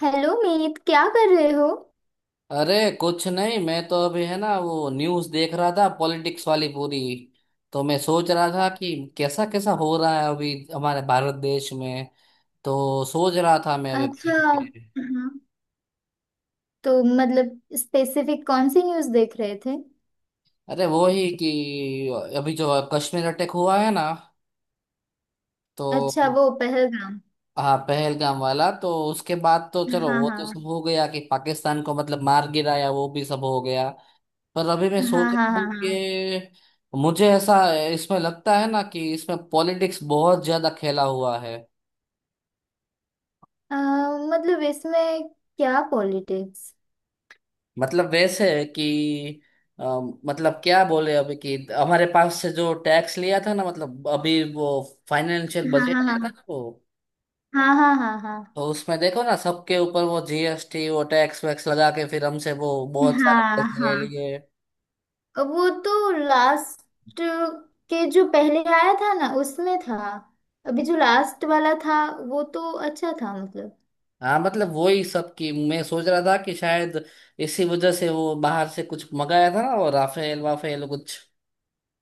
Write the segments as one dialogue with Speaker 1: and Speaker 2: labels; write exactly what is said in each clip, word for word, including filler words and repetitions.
Speaker 1: Hello Meet, क्या कर रहे हो?
Speaker 2: अरे, कुछ नहीं, मैं तो अभी है ना वो न्यूज़ देख रहा था, पॉलिटिक्स वाली पूरी। तो मैं सोच रहा था कि कैसा कैसा हो रहा है अभी हमारे भारत देश में। तो सोच रहा था मैं अभी
Speaker 1: अच्छा।
Speaker 2: बैठ के।
Speaker 1: हाँ। तो मतलब स्पेसिफिक कौन सी न्यूज़ देख रहे थे?
Speaker 2: अरे वो ही कि अभी जो कश्मीर अटैक हुआ है ना,
Speaker 1: अच्छा,
Speaker 2: तो
Speaker 1: वो पहलगाम।
Speaker 2: हाँ, पहलगाम वाला। तो उसके बाद तो चलो
Speaker 1: हाँ,
Speaker 2: वो तो
Speaker 1: हाँ।
Speaker 2: सब हो गया कि पाकिस्तान को मतलब मार गिराया, वो भी सब हो गया। पर अभी मैं
Speaker 1: हाँ,
Speaker 2: सोच
Speaker 1: हाँ,
Speaker 2: रहा
Speaker 1: हाँ,
Speaker 2: हूँ
Speaker 1: हाँ।
Speaker 2: कि मुझे ऐसा इसमें लगता है ना कि इसमें पॉलिटिक्स बहुत ज्यादा खेला हुआ है।
Speaker 1: अ, मतलब इसमें क्या पॉलिटिक्स?
Speaker 2: मतलब वैसे है कि अ, मतलब क्या बोले अभी, कि हमारे पास से जो टैक्स लिया था ना, मतलब अभी वो फाइनेंशियल
Speaker 1: हाँ,
Speaker 2: बजट आया
Speaker 1: हाँ,
Speaker 2: था ना वो।
Speaker 1: हाँ। हाँ, हाँ, हाँ,
Speaker 2: तो उसमें देखो ना, सबके ऊपर वो जीएसटी, वो टैक्स वैक्स लगा के फिर हमसे वो बहुत सारे
Speaker 1: हाँ। हाँ,
Speaker 2: पैसे
Speaker 1: हाँ।
Speaker 2: ले लिए।
Speaker 1: अ, वो तो लास्ट के जो पहले आया था ना उसमें था। अभी जो लास्ट वाला था, वो तो अच्छा था मतलब।
Speaker 2: हाँ, मतलब वही सब की मैं सोच रहा था कि शायद इसी वजह से वो बाहर से कुछ मंगाया था ना, वो राफेल वाफेल कुछ।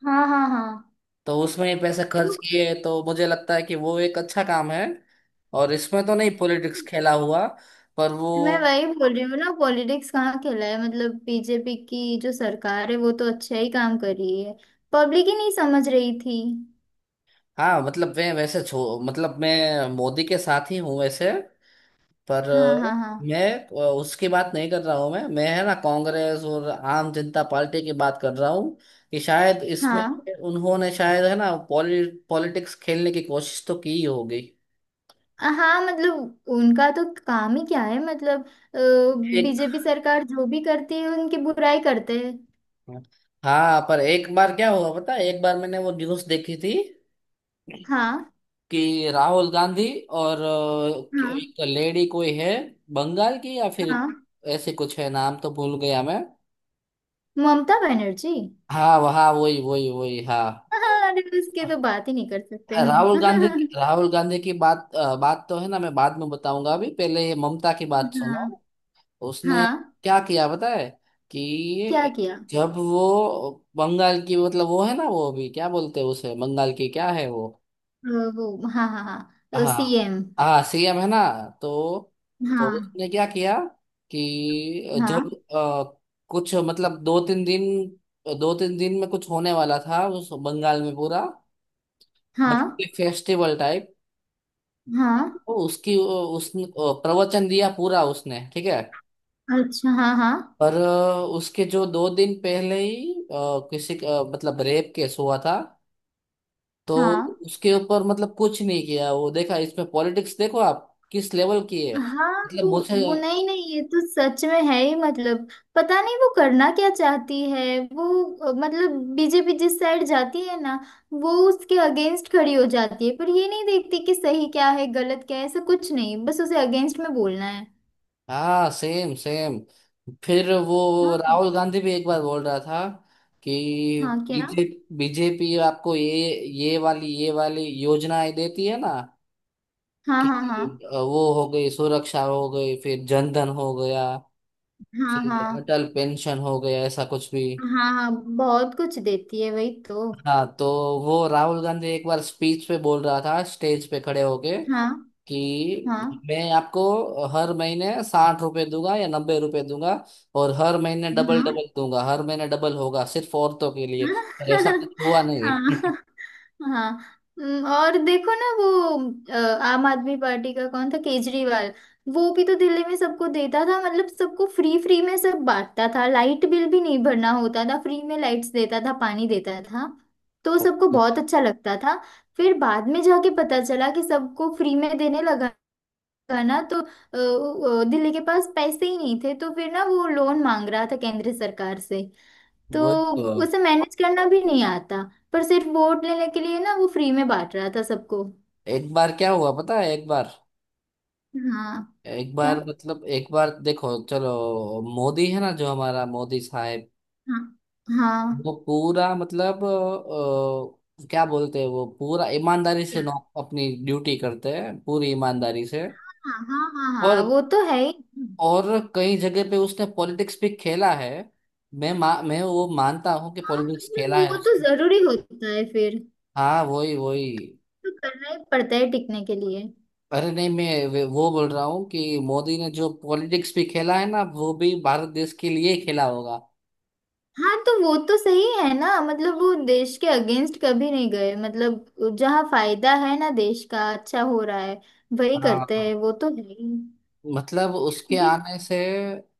Speaker 1: हाँ, हाँ, हाँ।
Speaker 2: तो उसमें ही पैसे
Speaker 1: तो
Speaker 2: खर्च किए, तो मुझे लगता है कि वो एक अच्छा काम है। और इसमें तो नहीं पॉलिटिक्स खेला हुआ, पर वो।
Speaker 1: मैं वही बोल रही हूँ ना, पॉलिटिक्स कहाँ खेला है? मतलब बीजेपी की जो सरकार है वो तो अच्छा ही काम कर रही है। पब्लिक ही नहीं समझ रही थी।
Speaker 2: हाँ, मतलब मैं वैसे छो मतलब मैं मोदी के साथ ही हूँ वैसे। पर
Speaker 1: हाँ, हाँ।
Speaker 2: अ, मैं अ, उसकी बात नहीं कर रहा हूँ, मैं मैं है ना कांग्रेस और आम जनता पार्टी की बात कर रहा हूँ कि शायद इसमें
Speaker 1: हाँ,
Speaker 2: उन्होंने शायद है ना पॉलि पॉलिटिक्स खेलने की कोशिश तो की ही होगी।
Speaker 1: हाँ। हाँ। मतलब उनका तो काम ही क्या है? मतलब
Speaker 2: एक
Speaker 1: बीजेपी सरकार जो भी करती है उनकी बुराई करते हैं।
Speaker 2: हाँ, पर एक बार क्या हुआ पता है? एक बार मैंने वो न्यूज़ देखी थी
Speaker 1: हाँ।
Speaker 2: कि राहुल गांधी और अ, कि-
Speaker 1: हाँ।
Speaker 2: एक तो लेडी कोई है, बंगाल की या फिर
Speaker 1: हाँ।
Speaker 2: ऐसे कुछ है, नाम तो भूल गया मैं।
Speaker 1: ममता बनर्जी।
Speaker 2: हाँ वहाँ, वही वही वही, हाँ।
Speaker 1: हाँ, अरे उसके तो बात ही नहीं कर सकते हम।
Speaker 2: राहुल गांधी राहुल गांधी की बात अ, बात तो है ना, मैं बाद में बताऊंगा, अभी पहले ये ममता की बात सुनो।
Speaker 1: हाँ।
Speaker 2: उसने
Speaker 1: हाँ।
Speaker 2: क्या किया पता है?
Speaker 1: क्या
Speaker 2: कि
Speaker 1: किया? अ,
Speaker 2: जब वो बंगाल की मतलब, वो है ना, वो अभी क्या बोलते हैं उसे, बंगाल की क्या है वो,
Speaker 1: वो। हाँ, हाँ, हाँ,
Speaker 2: हाँ
Speaker 1: सीएम।
Speaker 2: हाँ सीएम है ना। तो तो
Speaker 1: हाँ,
Speaker 2: उसने क्या किया कि जब
Speaker 1: हाँ,
Speaker 2: अ, कुछ मतलब, दो तीन दिन दो तीन दिन में कुछ होने वाला था उस बंगाल में, पूरा मतलब
Speaker 1: हाँ,
Speaker 2: कि फेस्टिवल टाइप।
Speaker 1: हाँ।
Speaker 2: तो उसकी उसने अ, प्रवचन दिया पूरा, उसने ठीक है।
Speaker 1: अच्छा, हाँ, हाँ,
Speaker 2: पर अ, उसके जो दो दिन पहले ही अ, किसी का मतलब रेप केस हुआ था। तो
Speaker 1: हाँ,
Speaker 2: उसके ऊपर मतलब कुछ नहीं किया वो, देखा इसमें पॉलिटिक्स, देखो आप किस लेवल की है।
Speaker 1: हाँ।
Speaker 2: मतलब
Speaker 1: वो
Speaker 2: मुझे,
Speaker 1: वो नहीं, नहीं, ये तो सच में है ही मतलब। पता नहीं वो करना क्या चाहती है। वो अ, मतलब बीजेपी जिस साइड जाती है ना, वो उसके अगेंस्ट खड़ी हो जाती है, पर ये नहीं देखती कि सही क्या है गलत क्या है। ऐसा कुछ नहीं, बस उसे अगेंस्ट में बोलना है।
Speaker 2: हाँ सेम सेम। फिर वो
Speaker 1: हाँ,
Speaker 2: राहुल गांधी भी एक बार बोल रहा था कि
Speaker 1: हाँ। क्या?
Speaker 2: बीजे बीजेपी आपको ये, ये वाली ये वाली योजनाएं देती है ना,
Speaker 1: हाँ,
Speaker 2: कि
Speaker 1: हाँ, हाँ।
Speaker 2: वो हो गई सुरक्षा हो गई, फिर जनधन हो गया,
Speaker 1: हाँ, हाँ,
Speaker 2: फिर अटल पेंशन हो गया, ऐसा कुछ भी।
Speaker 1: हाँ, हाँ। बहुत कुछ देती है, वही तो।
Speaker 2: हाँ, तो वो राहुल गांधी एक बार स्पीच पे बोल रहा था स्टेज पे खड़े होके
Speaker 1: हाँ, हाँ,
Speaker 2: कि मैं आपको हर महीने साठ रुपए दूंगा या नब्बे रुपए दूंगा, और हर महीने डबल
Speaker 1: हाँ।
Speaker 2: डबल दूंगा, हर महीने डबल होगा सिर्फ औरतों के लिए। पर ऐसा कुछ हुआ नहीं।
Speaker 1: हाँ। हाँ। हम्म, और देखो ना, वो अ, आम आदमी पार्टी का कौन था, केजरीवाल। वो भी तो दिल्ली में सबको देता था, मतलब सबको फ्री फ्री में सब बांटता था, लाइट बिल भी नहीं भरना होता था, फ्री में लाइट्स देता था, पानी देता था। तो
Speaker 2: तो
Speaker 1: सबको बहुत अच्छा लगता था। फिर बाद में जाके पता चला कि सबको फ्री में देने लगा ना, तो अ, अ, दिल्ली के पास पैसे ही नहीं थे, तो फिर ना वो लोन मांग रहा था केंद्र सरकार से। तो
Speaker 2: वो तो
Speaker 1: उसे मैनेज करना भी नहीं आता, पर सिर्फ वोट लेने के लिए ना वो फ्री में बांट रहा था सबको।
Speaker 2: एक बार क्या हुआ पता है? एक बार
Speaker 1: हाँ।
Speaker 2: एक
Speaker 1: क्या?
Speaker 2: बार मतलब एक बार, देखो चलो, मोदी है ना जो हमारा मोदी साहब,
Speaker 1: हाँ, हाँ।
Speaker 2: वो पूरा मतलब, अ, क्या बोलते हैं वो, पूरा ईमानदारी से
Speaker 1: क्या?
Speaker 2: नौ अपनी ड्यूटी करते हैं पूरी ईमानदारी से।
Speaker 1: हाँ, हाँ, हाँ, हाँ,
Speaker 2: और
Speaker 1: वो तो है ही।
Speaker 2: और कई जगह पे उसने पॉलिटिक्स भी खेला है। मैं मा, मैं वो मानता हूँ कि
Speaker 1: हाँ,
Speaker 2: पॉलिटिक्स खेला
Speaker 1: मतलब
Speaker 2: है
Speaker 1: वो तो
Speaker 2: उसने।
Speaker 1: जरूरी होता है फिर।
Speaker 2: हाँ वही वही।
Speaker 1: तो करना ही पड़ता है टिकने के लिए।
Speaker 2: अरे नहीं मैं, वे- वो बोल रहा हूँ कि मोदी ने जो पॉलिटिक्स भी खेला है ना वो भी भारत देश के लिए ही खेला होगा।
Speaker 1: हाँ, तो वो तो सही है ना, मतलब वो देश के अगेंस्ट कभी नहीं गए। मतलब जहाँ फायदा है ना, देश का अच्छा हो रहा है, वही
Speaker 2: हाँ,
Speaker 1: करते हैं। वो तो है ही।
Speaker 2: मतलब उसके
Speaker 1: देख-
Speaker 2: आने से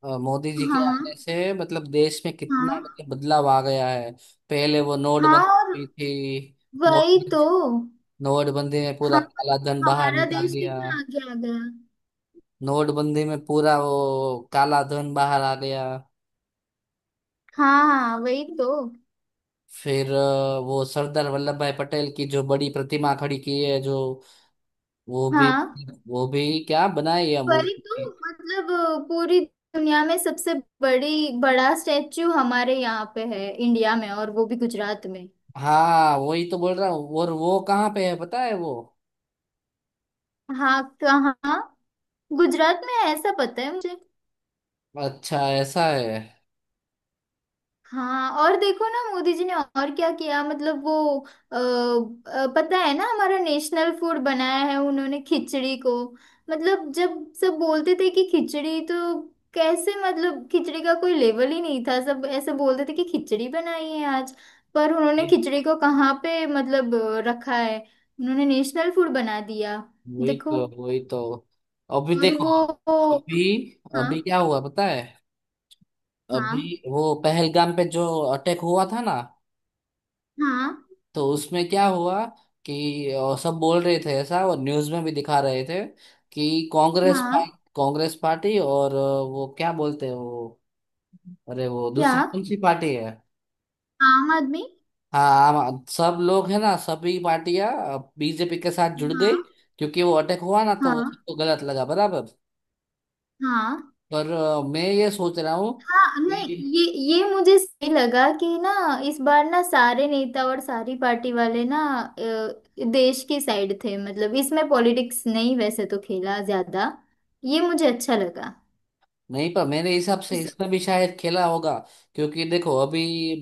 Speaker 2: अ, मोदी जी के
Speaker 1: हाँ,
Speaker 2: आने
Speaker 1: हाँ।
Speaker 2: से मतलब देश में कितना
Speaker 1: हाँ।
Speaker 2: मतलब बदलाव आ गया है। पहले वो
Speaker 1: हाँ, और
Speaker 2: नोटबंदी हुई थी। नोट
Speaker 1: वही तो।
Speaker 2: नोटबंदी में पूरा
Speaker 1: हाँ।
Speaker 2: काला धन बाहर
Speaker 1: हमारा
Speaker 2: निकाल
Speaker 1: देश
Speaker 2: दिया।
Speaker 1: कितना आगे आ गया।
Speaker 2: नोटबंदी में पूरा वो काला धन बाहर आ गया।
Speaker 1: हाँ, हाँ, वही तो।
Speaker 2: फिर अ, वो सरदार वल्लभ भाई पटेल की जो बड़ी प्रतिमा खड़ी की है जो, वो भी
Speaker 1: हाँ।
Speaker 2: वो भी क्या बनाई है
Speaker 1: वही
Speaker 2: मूर्ति।
Speaker 1: तो। मतलब अ, पूरी दुनिया में सबसे बड़ी बड़ा स्टेच्यू हमारे यहाँ पे है, इंडिया में, और वो भी गुजरात में।
Speaker 2: हाँ हाँ, वही तो बोल रहा हूँ, और वो कहाँ पे है पता है वो?
Speaker 1: हाँ। कहाँ? गुजरात में है ऐसा पता है मुझे।
Speaker 2: अच्छा ऐसा है।
Speaker 1: हाँ, और देखो ना मोदी जी ने और क्या किया, मतलब वो अ, अ, पता है ना, हमारा नेशनल फूड बनाया है उन्होंने खिचड़ी को। मतलब जब सब बोलते थे कि खिचड़ी तो कैसे, मतलब खिचड़ी का कोई लेवल ही नहीं था, सब ऐसे बोलते थे कि खिचड़ी बनाई है आज। पर उन्होंने खिचड़ी को कहाँ पे मतलब अ, रखा है, उन्होंने नेशनल फूड बना दिया।
Speaker 2: वही
Speaker 1: देखो।
Speaker 2: तो वही तो, अभी
Speaker 1: और
Speaker 2: देखो,
Speaker 1: वो वो-
Speaker 2: अभी
Speaker 1: हाँ।
Speaker 2: अभी क्या हुआ पता है? अभी
Speaker 1: हाँ,
Speaker 2: वो पहलगाम पे जो अटैक हुआ था ना,
Speaker 1: हाँ,
Speaker 2: तो उसमें क्या हुआ कि अ, सब बोल रहे थे ऐसा, और न्यूज में भी दिखा रहे थे कि कांग्रेस
Speaker 1: हाँ।
Speaker 2: पा- कांग्रेस पार्टी और अ, वो क्या बोलते हैं वो, अरे वो
Speaker 1: क्या?
Speaker 2: दूसरी कौन सी पार्टी है?
Speaker 1: आम आदमी।
Speaker 2: हाँ आम- सब लोग है ना, सभी पार्टियां बीजेपी के साथ जुड़ गई,
Speaker 1: हाँ।
Speaker 2: क्योंकि वो अटैक हुआ ना तो वो
Speaker 1: हाँ,
Speaker 2: सबको गलत लगा बराबर।
Speaker 1: हाँ,
Speaker 2: पर अ, मैं ये सोच रहा हूँ।
Speaker 1: हाँ। नहीं, ये ये मुझे सही लगा कि ना, इस बार ना सारे नेता और सारी पार्टी वाले ना अ, देश की साइड थे। मतलब इसमें पॉलिटिक्स नहीं वैसे तो खेला ज्यादा, ये मुझे अच्छा लगा।
Speaker 2: नहीं पर मेरे हिसाब से
Speaker 1: सब-
Speaker 2: इसमें भी शायद खेला होगा, क्योंकि देखो अभी,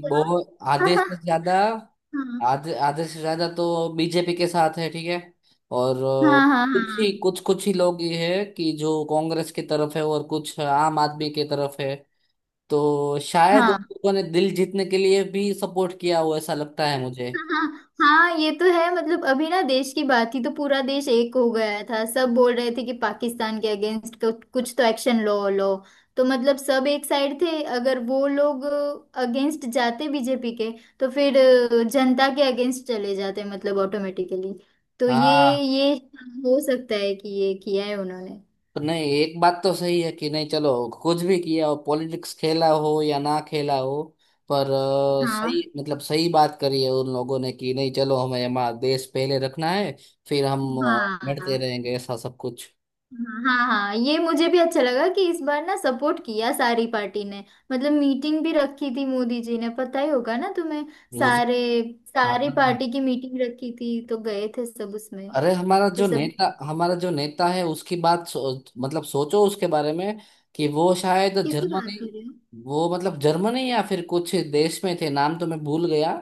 Speaker 2: बहुत
Speaker 1: हाँ,
Speaker 2: आधे
Speaker 1: हाँ।
Speaker 2: से ज्यादा,
Speaker 1: हाँ,
Speaker 2: आधे आधे से ज्यादा तो बीजेपी के साथ है ठीक है। और
Speaker 1: हाँ।
Speaker 2: अ,
Speaker 1: हाँ।
Speaker 2: कुछ ही
Speaker 1: हाँ,
Speaker 2: कुछ कुछ ही लोग ये है कि जो कांग्रेस की तरफ है, और कुछ आम आदमी की तरफ है। तो शायद उन
Speaker 1: हाँ,
Speaker 2: लोगों ने दिल जीतने के लिए भी सपोर्ट किया हो, ऐसा लगता है मुझे।
Speaker 1: हाँ, हाँ। ये तो है, मतलब अभी ना देश की बात थी तो पूरा देश एक हो गया था, सब बोल रहे थे कि पाकिस्तान के अगेंस्ट कुछ तो एक्शन लो, लो। तो मतलब सब एक साइड थे। अगर वो लोग अगेंस्ट जाते बीजेपी के, तो फिर अ, जनता के अगेंस्ट चले जाते, मतलब ऑटोमेटिकली। तो ये
Speaker 2: हाँ
Speaker 1: ये हो सकता है कि ये किया है उन्होंने।
Speaker 2: तो, नहीं एक बात तो सही है कि नहीं चलो, कुछ भी किया हो, पॉलिटिक्स खेला हो या ना खेला हो, पर अ, सही,
Speaker 1: हाँ
Speaker 2: मतलब सही बात करी है उन लोगों ने कि नहीं चलो, हमें हमारा देश पहले रखना है, फिर हम अ, लड़ते
Speaker 1: हाँ।
Speaker 2: रहेंगे ऐसा सब कुछ।
Speaker 1: हाँ। हाँ। हाँ, ये मुझे भी अच्छा लगा कि इस बार ना सपोर्ट किया सारी पार्टी ने। मतलब मीटिंग भी रखी थी मोदी जी ने, पता ही होगा ना तुम्हें।
Speaker 2: मुझे,
Speaker 1: सारे
Speaker 2: हाँ।
Speaker 1: सारी पार्टी की मीटिंग रखी थी, तो गए थे सब उसमें।
Speaker 2: अरे हमारा
Speaker 1: फिर
Speaker 2: जो
Speaker 1: सब
Speaker 2: नेता हमारा जो नेता है उसकी बात सो, मतलब सोचो उसके बारे में, कि वो शायद
Speaker 1: किसकी
Speaker 2: जर्मनी,
Speaker 1: बात कर रहे हो?
Speaker 2: वो मतलब जर्मनी या फिर कुछ देश में थे, नाम तो मैं भूल गया।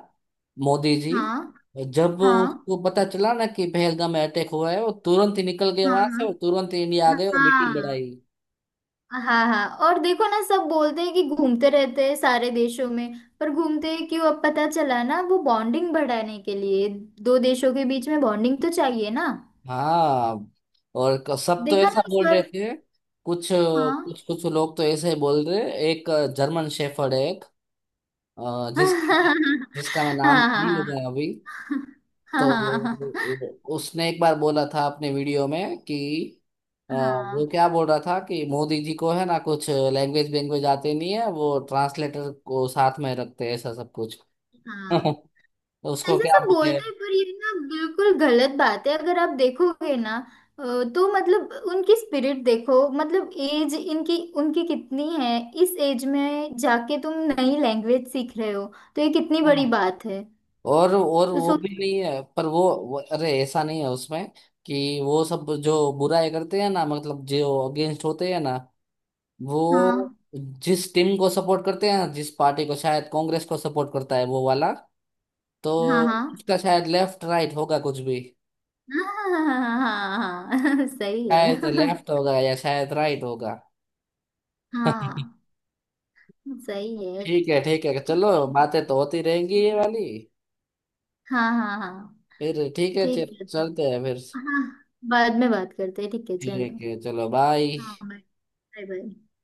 Speaker 2: मोदी जी,
Speaker 1: हाँ,
Speaker 2: जब
Speaker 1: हाँ,
Speaker 2: उसको पता चला ना कि पहलगाम में अटैक हुआ है, वो तुरंत ही निकल गए वहां से,
Speaker 1: हाँ,
Speaker 2: और तुरंत ही इंडिया आ
Speaker 1: हाँ।
Speaker 2: गए और मीटिंग
Speaker 1: हाँ,
Speaker 2: बढ़ाई।
Speaker 1: हाँ, हाँ, हाँ, और देखो ना, सब बोलते हैं कि घूमते रहते हैं सारे देशों में, पर घूमते हैं क्यों? अब पता चला ना, वो बॉन्डिंग बढ़ाने के लिए। दो देशों के बीच में बॉन्डिंग तो चाहिए ना।
Speaker 2: हाँ, और क- सब तो
Speaker 1: देखा
Speaker 2: ऐसा
Speaker 1: ना इस
Speaker 2: बोल रहे
Speaker 1: बार।
Speaker 2: थे, कुछ
Speaker 1: हाँ।
Speaker 2: कुछ कुछ लोग तो ऐसे ही बोल रहे। एक जर्मन शेफर्ड है अ, जिसका मैं जिसका मैं नाम
Speaker 1: हाँ,
Speaker 2: नहीं
Speaker 1: हाँ,
Speaker 2: लूंगा अभी।
Speaker 1: हाँ,
Speaker 2: तो
Speaker 1: हाँ,
Speaker 2: वो- उसने एक बार बोला था अपने वीडियो में कि अ, वो क्या बोल रहा था कि मोदी जी को है ना कुछ लैंग्वेज वैंग्वेज आते नहीं है, वो ट्रांसलेटर को साथ में रखते हैं, ऐसा सब कुछ।
Speaker 1: हाँ।
Speaker 2: तो उसको
Speaker 1: ऐसे
Speaker 2: क्या
Speaker 1: सब
Speaker 2: बोले?
Speaker 1: बोलते हैं, पर ये ना बिल्कुल गलत बात है। अगर आप देखोगे ना, अ, तो मतलब उनकी स्पिरिट देखो, मतलब एज इनकी उनकी कितनी है। इस एज में जाके तुम नई लैंग्वेज सीख रहे हो, तो ये कितनी
Speaker 2: हाँ।
Speaker 1: बड़ी बात है।
Speaker 2: और और
Speaker 1: तो
Speaker 2: वो भी
Speaker 1: सोचो।
Speaker 2: नहीं है, पर वो, वो, अरे ऐसा नहीं है उसमें, कि वो सब जो बुराई करते हैं ना, मतलब जो अगेंस्ट होते हैं ना, वो
Speaker 1: हाँ,
Speaker 2: जिस टीम को सपोर्ट करते हैं, जिस पार्टी को, शायद कांग्रेस को सपोर्ट करता है वो वाला। तो
Speaker 1: हाँ, हाँ।
Speaker 2: उसका शायद लेफ्ट राइट होगा कुछ भी,
Speaker 1: हाँ, हाँ, हाँ। हाँ, सही है।
Speaker 2: शायद लेफ्ट होगा या शायद राइट होगा।
Speaker 1: हाँ। सही है।
Speaker 2: ठीक है ठीक है, चलो
Speaker 1: ठीक
Speaker 2: बातें तो होती रहेंगी ये वाली।
Speaker 1: है। हाँ, हाँ, हाँ।
Speaker 2: फिर ठीक है, चे-
Speaker 1: ठीक है तब।
Speaker 2: चलते हैं फिर।
Speaker 1: हाँ, बाद में बात करते हैं, ठीक है, चलो।
Speaker 2: ठीक है चलो, बाय।
Speaker 1: हाँ, बाय। Bye, bye.